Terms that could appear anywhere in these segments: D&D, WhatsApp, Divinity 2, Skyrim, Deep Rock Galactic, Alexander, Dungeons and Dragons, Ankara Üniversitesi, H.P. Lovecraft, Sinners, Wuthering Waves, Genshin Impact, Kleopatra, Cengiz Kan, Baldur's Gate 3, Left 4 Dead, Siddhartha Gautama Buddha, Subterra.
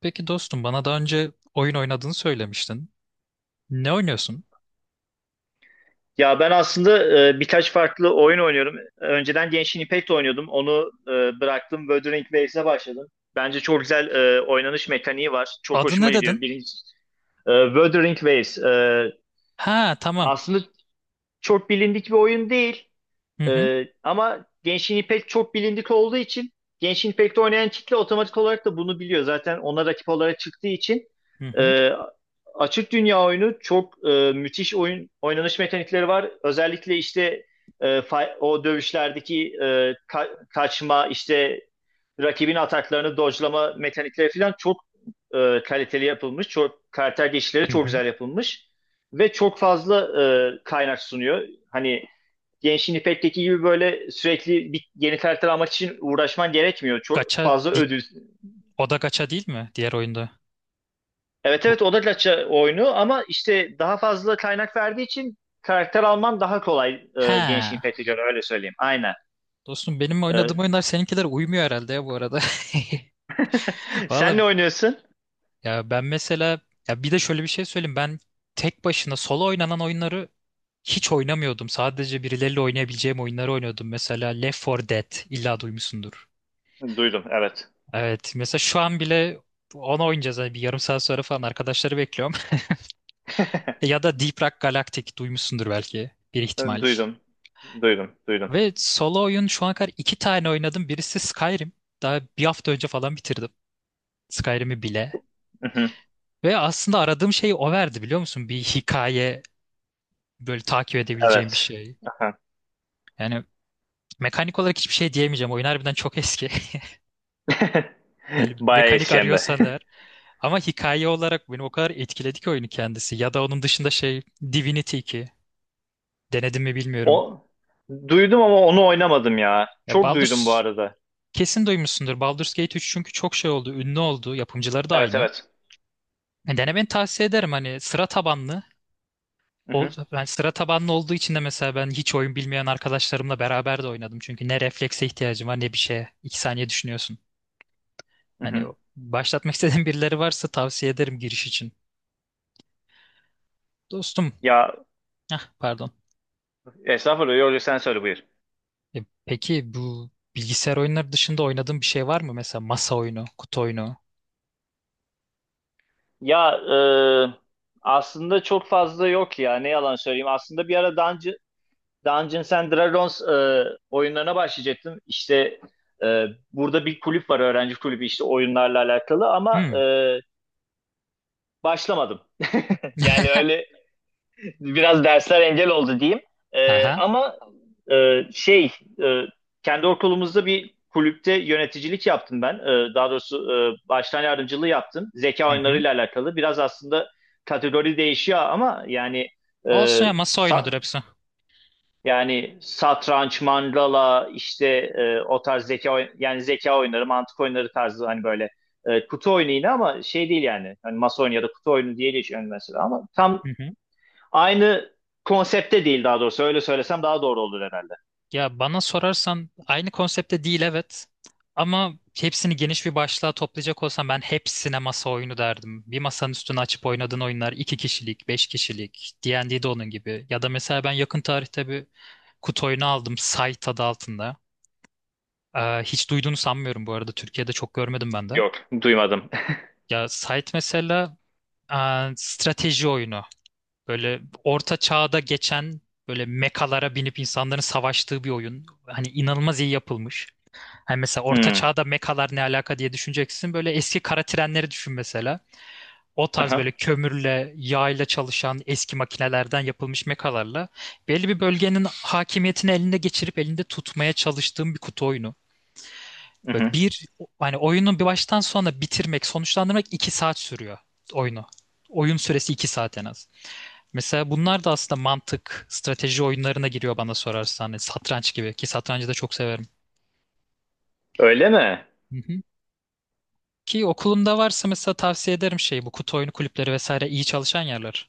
Peki dostum bana daha önce oyun oynadığını söylemiştin. Ne oynuyorsun? Ya ben aslında birkaç farklı oyun oynuyorum. Önceden Genshin Impact oynuyordum. Onu bıraktım. Wuthering Waves'e başladım. Bence çok güzel oynanış mekaniği var. Çok Adı ne hoşuma gidiyor. dedin? Birinci, Wuthering Waves. Ha, tamam. Aslında çok bilindik bir oyun değil. Hı hı. Ama Genshin Impact çok bilindik olduğu için Genshin Impact'te oynayan kitle otomatik olarak da bunu biliyor. Zaten ona rakip olarak çıktığı için Hı hı. e, açık dünya oyunu çok müthiş oyun oynanış mekanikleri var. Özellikle işte o dövüşlerdeki kaçma, işte rakibin ataklarını dodge'lama mekanikleri falan çok kaliteli yapılmış. Çok karakter geçişleri Hı çok hı. güzel yapılmış ve çok fazla kaynak sunuyor. Hani Genshin Impact'teki gibi böyle sürekli bir yeni karakter almak için uğraşman gerekmiyor. Çok Gacha fazla ödül. o da gacha değil mi diğer oyunda? Evet, Bu. evet, o da gacha oyunu ama işte daha fazla kaynak verdiği için karakter alman daha kolay Genshin Ha. Impact'e göre öyle söyleyeyim. Aynen. Dostum benim oynadığım E, oyunlar seninkiler uymuyor herhalde ya, bu arada. Sen Valla ne oynuyorsun? ya ben mesela, ya bir de şöyle bir şey söyleyeyim, ben tek başına solo oynanan oyunları hiç oynamıyordum. Sadece birileriyle oynayabileceğim oyunları oynuyordum. Mesela Left 4 Dead illa duymuşsundur. Duydum, evet. Evet, mesela şu an bile onu oynayacağız. Hani bir yarım saat sonra falan arkadaşları bekliyorum. Ya da Deep Rock Galactic duymuşsundur, belki bir ihtimal. Duydum. Duydum. Duydum. Ve solo oyun şu ana kadar iki tane oynadım. Birisi Skyrim. Daha bir hafta önce falan bitirdim. Skyrim'i bile. Mhm. Ve aslında aradığım şeyi o verdi, biliyor musun? Bir hikaye, böyle takip edebileceğim bir Evet. şey. Aha. Yani mekanik olarak hiçbir şey diyemeyeceğim. Oyun harbiden çok eski. Yani Bayağı mekanik eski hem de. arıyorsan eğer. Ama hikaye olarak beni o kadar etkiledi ki oyunu kendisi. Ya da onun dışında şey, Divinity 2. Denedim mi bilmiyorum. O, duydum ama onu oynamadım ya. Ya Çok duydum bu Baldur's arada. kesin duymuşsundur. Baldur's Gate 3, çünkü çok şey oldu, ünlü oldu. Yapımcıları da Evet, aynı. evet. Yani denemeni tavsiye ederim, hani sıra tabanlı. O, Mhm. ben sıra tabanlı olduğu için de mesela ben hiç oyun bilmeyen arkadaşlarımla beraber de oynadım. Çünkü ne reflekse ihtiyacım var ne bir şeye. 2 saniye düşünüyorsun. Hani Mhm. Başlatmak istediğin birileri varsa tavsiye ederim giriş için. Dostum, Ya, ah pardon. estağfurullah yok, sen söyle, buyur. E, peki bu bilgisayar oyunları dışında oynadığın bir şey var mı? Mesela masa oyunu, kutu oyunu. Ya aslında çok fazla yok ya, ne yalan söyleyeyim. Aslında bir ara Dungeons and Dragons oyunlarına başlayacaktım. İşte e, burada bir kulüp var, öğrenci kulübü, işte oyunlarla alakalı ama Hmm. Başlamadım. Yani öyle. Biraz dersler engel oldu diyeyim. Aha. Ama şey, e, kendi okulumuzda bir kulüpte yöneticilik yaptım ben. Daha doğrusu baştan yardımcılığı yaptım. Zeka Hı hı. oyunlarıyla alakalı. Biraz aslında kategori değişiyor ama yani e, Olsun ya, masa oyunudur sa- hepsi. yani satranç, mandala, işte o tarz yani zeka oyunları, mantık oyunları tarzı hani böyle kutu oyunu yine ama şey değil yani. Hani masa oyunu ya da kutu oyunu diye geçiyor mesela ama Hı tam hı. aynı konsepte değil daha doğrusu. Öyle söylesem daha doğru olur herhalde. Ya bana sorarsan aynı konsepte değil, evet. Ama hepsini geniş bir başlığa toplayacak olsam ben hepsine masa oyunu derdim. Bir masanın üstüne açıp oynadığın oyunlar iki kişilik, beş kişilik, D&D'de onun gibi. Ya da mesela ben yakın tarihte bir kutu oyunu aldım Site adı altında. Hiç duyduğunu sanmıyorum bu arada. Türkiye'de çok görmedim ben de. Yok, duymadım. Ya Site mesela e, strateji oyunu. Böyle orta çağda geçen, böyle mekalara binip insanların savaştığı bir oyun. Hani inanılmaz iyi yapılmış. Hani mesela orta Hmm. çağda mekalar ne alaka diye düşüneceksin. Böyle eski kara trenleri düşün mesela. O tarz Aha. böyle kömürle, yağ çalışan eski makinelerden yapılmış mekalarla belli bir bölgenin hakimiyetini elinde geçirip elinde tutmaya çalıştığım bir kutu oyunu. Ve Hı. bir, hani oyunu bir baştan sona bitirmek, sonuçlandırmak 2 saat sürüyor oyunu. Oyun süresi 2 saat en az. Mesela bunlar da aslında mantık, strateji oyunlarına giriyor bana sorarsan. Hani satranç gibi, ki satrancı da çok severim. Öyle mi? Hı hı. Ki okulunda varsa mesela tavsiye ederim şey, bu kutu oyunu kulüpleri vesaire iyi çalışan yerler.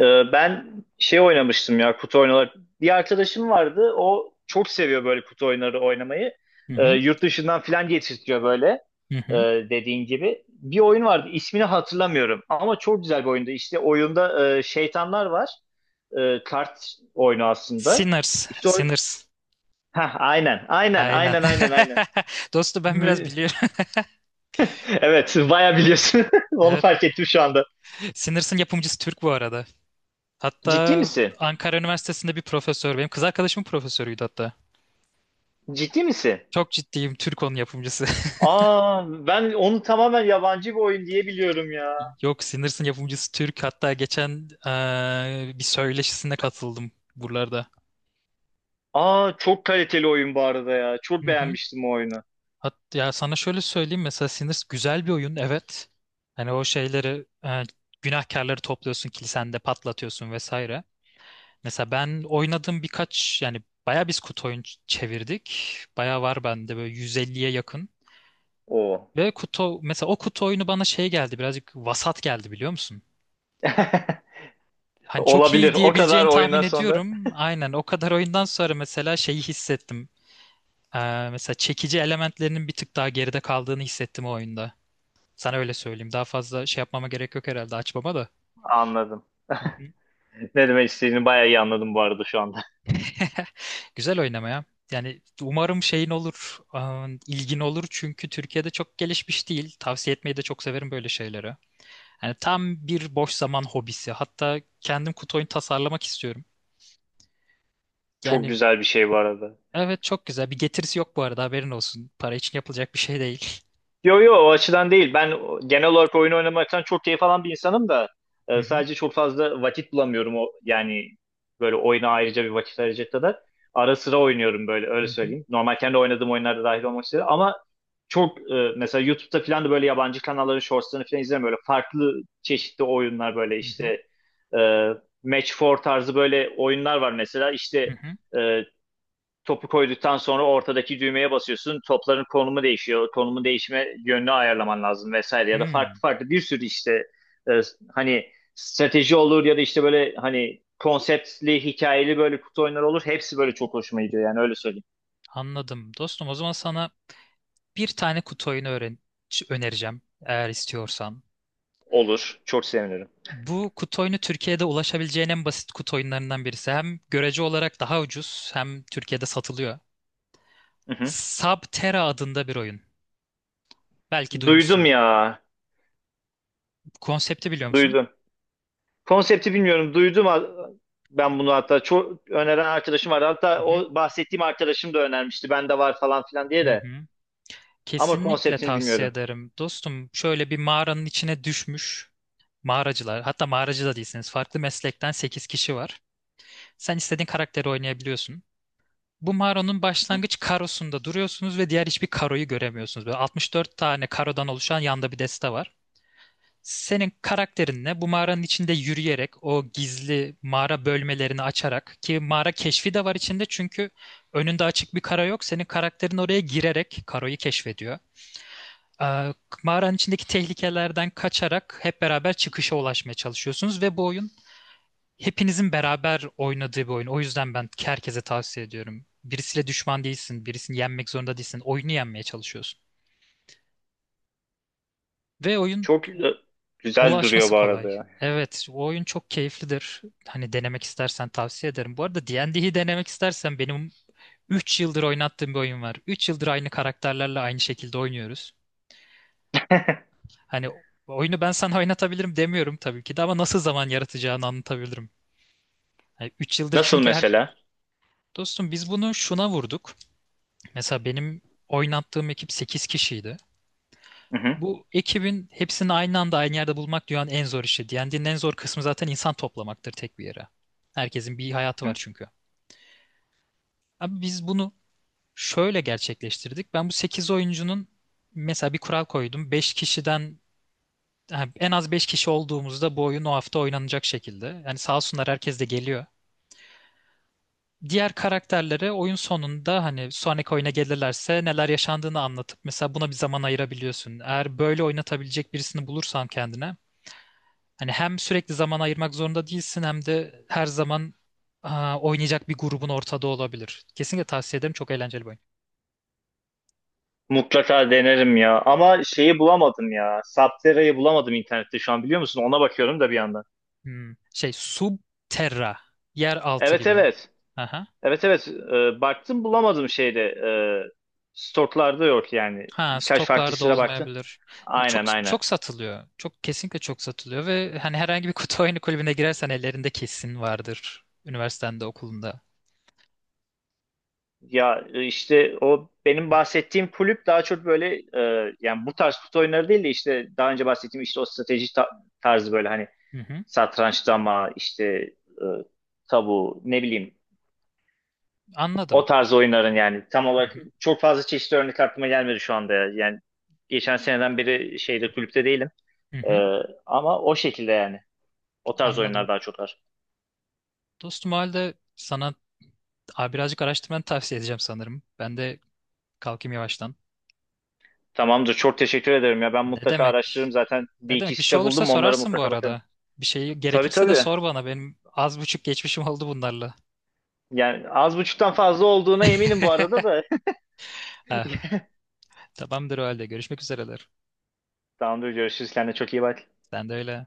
Ben şey oynamıştım ya, kutu oyunları. Bir arkadaşım vardı. O çok seviyor böyle kutu oyunları oynamayı. Hı hı. Yurt dışından filan getirtiyor böyle. Hı Ee, hı. Dediğin gibi. Bir oyun vardı. İsmini hatırlamıyorum. Ama çok güzel bir oyundu. İşte oyunda şeytanlar var. Kart oyunu aslında. Sinners. İşte o... Sinners. Heh, aynen. Aynen. Aynen. Aynen. Aynen. Dostum ben biraz Aynen. biliyorum. Evet, bayağı biliyorsun. Onu Evet. fark ettim şu anda. Sinners'ın yapımcısı Türk bu arada. Ciddi Hatta misin? Ankara Üniversitesi'nde bir profesör. Benim kız arkadaşımın profesörüydü hatta. Ciddi misin? Çok ciddiyim. Türk onun yapımcısı. Aa, ben onu tamamen yabancı bir oyun diye biliyorum ya. Yok, Sinners'ın yapımcısı Türk. Hatta geçen bir söyleşisine katıldım buralarda. Aa, çok kaliteli oyun bu arada ya. Çok Hı hı. beğenmiştim o oyunu. Hat ya sana şöyle söyleyeyim, mesela Sinners güzel bir oyun, evet. Hani o şeyleri günahkarları topluyorsun kilisende patlatıyorsun vesaire. Mesela ben oynadığım birkaç yani bayağı biz kutu oyun çevirdik. Bayağı var bende böyle 150'ye yakın. Oo. Ve kutu mesela o kutu oyunu bana şey geldi, birazcık vasat geldi, biliyor musun? Hani çok iyi Olabilir. O kadar diyebileceğini tahmin oyundan sonra ediyorum. Aynen, o kadar oyundan sonra mesela şeyi hissettim. Mesela çekici elementlerinin bir tık daha geride kaldığını hissettim o oyunda. Sana öyle söyleyeyim. Daha fazla şey yapmama gerek yok herhalde, açmama da. anladım. Hı hı. Ne demek istediğini bayağı iyi anladım bu arada şu anda. Güzel oynamaya. Yani umarım şeyin olur, aa, ilgin olur çünkü Türkiye'de çok gelişmiş değil. Tavsiye etmeyi de çok severim böyle şeyleri. Yani tam bir boş zaman hobisi. Hatta kendim kutu oyun tasarlamak istiyorum. Çok Yani güzel bir şey bu arada. evet, çok güzel. Bir getirisi yok bu arada, haberin olsun. Para için yapılacak bir şey değil. Yo, yo, o açıdan değil. Ben genel olarak oyun oynamaktan çok keyif alan bir insanım da Hı hı. sadece çok fazla vakit bulamıyorum, o yani böyle oyuna ayrıca bir vakit ayıracak kadar. Ara sıra oynuyorum böyle, Hı öyle hı. söyleyeyim. Normal kendi oynadığım oyunlarda dahil olmak üzere ama çok mesela YouTube'da falan da böyle yabancı kanalların shortslarını falan izlerim, böyle farklı çeşitli oyunlar böyle Hı hı. işte e, Match four tarzı böyle oyunlar var mesela, işte Hı hı. e, topu koyduktan sonra ortadaki düğmeye basıyorsun. Topların konumu değişiyor. Konumun değişme yönünü ayarlaman lazım vesaire, ya da Hmm, farklı farklı bir sürü işte e, hani strateji olur ya da işte böyle hani konseptli, hikayeli böyle kutu oyunları olur. Hepsi böyle çok hoşuma gidiyor, yani öyle söyleyeyim. anladım. Dostum o zaman sana bir tane kutu oyunu önereceğim eğer istiyorsan. Olur. Çok sevinirim. Bu kutu oyunu Türkiye'de ulaşabileceğin en basit kutu oyunlarından birisi. Hem görece olarak daha ucuz, hem Türkiye'de satılıyor. Hı hı. Subterra adında bir oyun. Belki Duydum duymuşsundur. ya. Konsepti biliyor musun? Duydum. Konsepti bilmiyorum. Ben bunu hatta çok öneren arkadaşım vardı. Hı Hatta hı. o bahsettiğim arkadaşım da önermişti. Bende var falan filan Hı diye de. hı. Ama Kesinlikle konseptini tavsiye bilmiyorum. ederim. Dostum şöyle bir mağaranın içine düşmüş. Mağaracılar, hatta mağaracı da değilsiniz. Farklı meslekten 8 kişi var. Sen istediğin karakteri oynayabiliyorsun. Bu mağaranın başlangıç karosunda duruyorsunuz ve diğer hiçbir karoyu göremiyorsunuz. Böyle 64 tane karodan oluşan yanda bir deste var. Senin karakterinle bu mağaranın içinde yürüyerek o gizli mağara bölmelerini açarak, ki mağara keşfi de var içinde çünkü önünde açık bir karo yok. Senin karakterin oraya girerek karoyu keşfediyor. Ee, mağaranın içindeki tehlikelerden kaçarak hep beraber çıkışa ulaşmaya çalışıyorsunuz ve bu oyun hepinizin beraber oynadığı bir oyun. O yüzden ben herkese tavsiye ediyorum. Birisiyle düşman değilsin, birisini yenmek zorunda değilsin. Oyunu yenmeye çalışıyorsun. Ve oyun Çok güzel, güzel duruyor ulaşması bu kolay. arada ya. Evet, o oyun çok keyiflidir. Hani denemek istersen tavsiye ederim. Bu arada D&D'yi denemek istersen benim 3 yıldır oynattığım bir oyun var. 3 yıldır aynı karakterlerle aynı şekilde oynuyoruz. Hani oyunu ben sana oynatabilirim demiyorum tabii ki de, ama nasıl zaman yaratacağını anlatabilirim. Hani 3 yıldır Nasıl çünkü her... mesela? Dostum biz bunu şuna vurduk. Mesela benim oynattığım ekip 8 kişiydi. Hı hı. Bu ekibin hepsini aynı anda aynı yerde bulmak dünyanın en zor işi. D&D'nin en zor kısmı zaten insan toplamaktır tek bir yere. Herkesin bir hayatı var Hı. çünkü. Abi biz bunu şöyle gerçekleştirdik. Ben bu 8 oyuncunun mesela bir kural koydum. 5 kişiden ha, en az 5 kişi olduğumuzda bu oyun o hafta oynanacak şekilde. Yani sağ olsunlar, herkes de geliyor. Diğer karakterlere oyun sonunda hani sonraki oyuna gelirlerse neler yaşandığını anlatıp mesela buna bir zaman ayırabiliyorsun. Eğer böyle oynatabilecek birisini bulursan kendine hani hem sürekli zaman ayırmak zorunda değilsin hem de her zaman aa, oynayacak bir grubun ortada olabilir. Kesinlikle tavsiye ederim. Çok eğlenceli bir oyun. Mutlaka denerim ya. Ama şeyi bulamadım ya. Subterra'yı bulamadım internette şu an, biliyor musun? Ona bakıyorum da bir yandan. Hmm. Şey Subterra. Yer altı Evet, gibi. evet. Aha. Evet, evet. Baktım, bulamadım şeyde. Stoklarda yok yani. Ha, Birkaç farklı stoklarda sitede baktım. olmayabilir. E, çok Aynen, aynen. çok satılıyor. Çok, kesinlikle çok satılıyor ve hani herhangi bir kutu oyunu kulübüne girersen ellerinde kesin vardır. Üniversitende, okulunda. Ya işte o benim bahsettiğim kulüp daha çok böyle yani bu tarz kutu oyunları değil de işte daha önce bahsettiğim işte o strateji tarzı böyle hani Hı hı. satrançlama, işte e, tabu, ne bileyim, o Anladım. tarz oyunların, yani tam Hı olarak hı. çok fazla çeşitli örnek aklıma gelmedi şu anda. Yani geçen seneden beri şeyde, kulüpte değilim. Hı E, hı. Ama o şekilde yani. O tarz oyunlar Anladım. daha çok var. Dostum o halde sana a, birazcık araştırmanı tavsiye edeceğim sanırım. Ben de kalkayım yavaştan. Tamamdır. Çok teşekkür ederim ya. Ben Ne mutlaka demek? araştırırım. Zaten bir Ne iki demek? Bir şey site olursa buldum. Onlara sorarsın bu mutlaka bakarım. arada. Bir şey Tabii, gerekirse de tabii. sor bana. Benim az buçuk geçmişim oldu bunlarla. Yani az buçuktan fazla olduğuna eminim bu arada da. Ah, tamamdır o halde. Görüşmek üzereler. Tamamdır. Görüşürüz. Kendine çok iyi bak. Sen de öyle.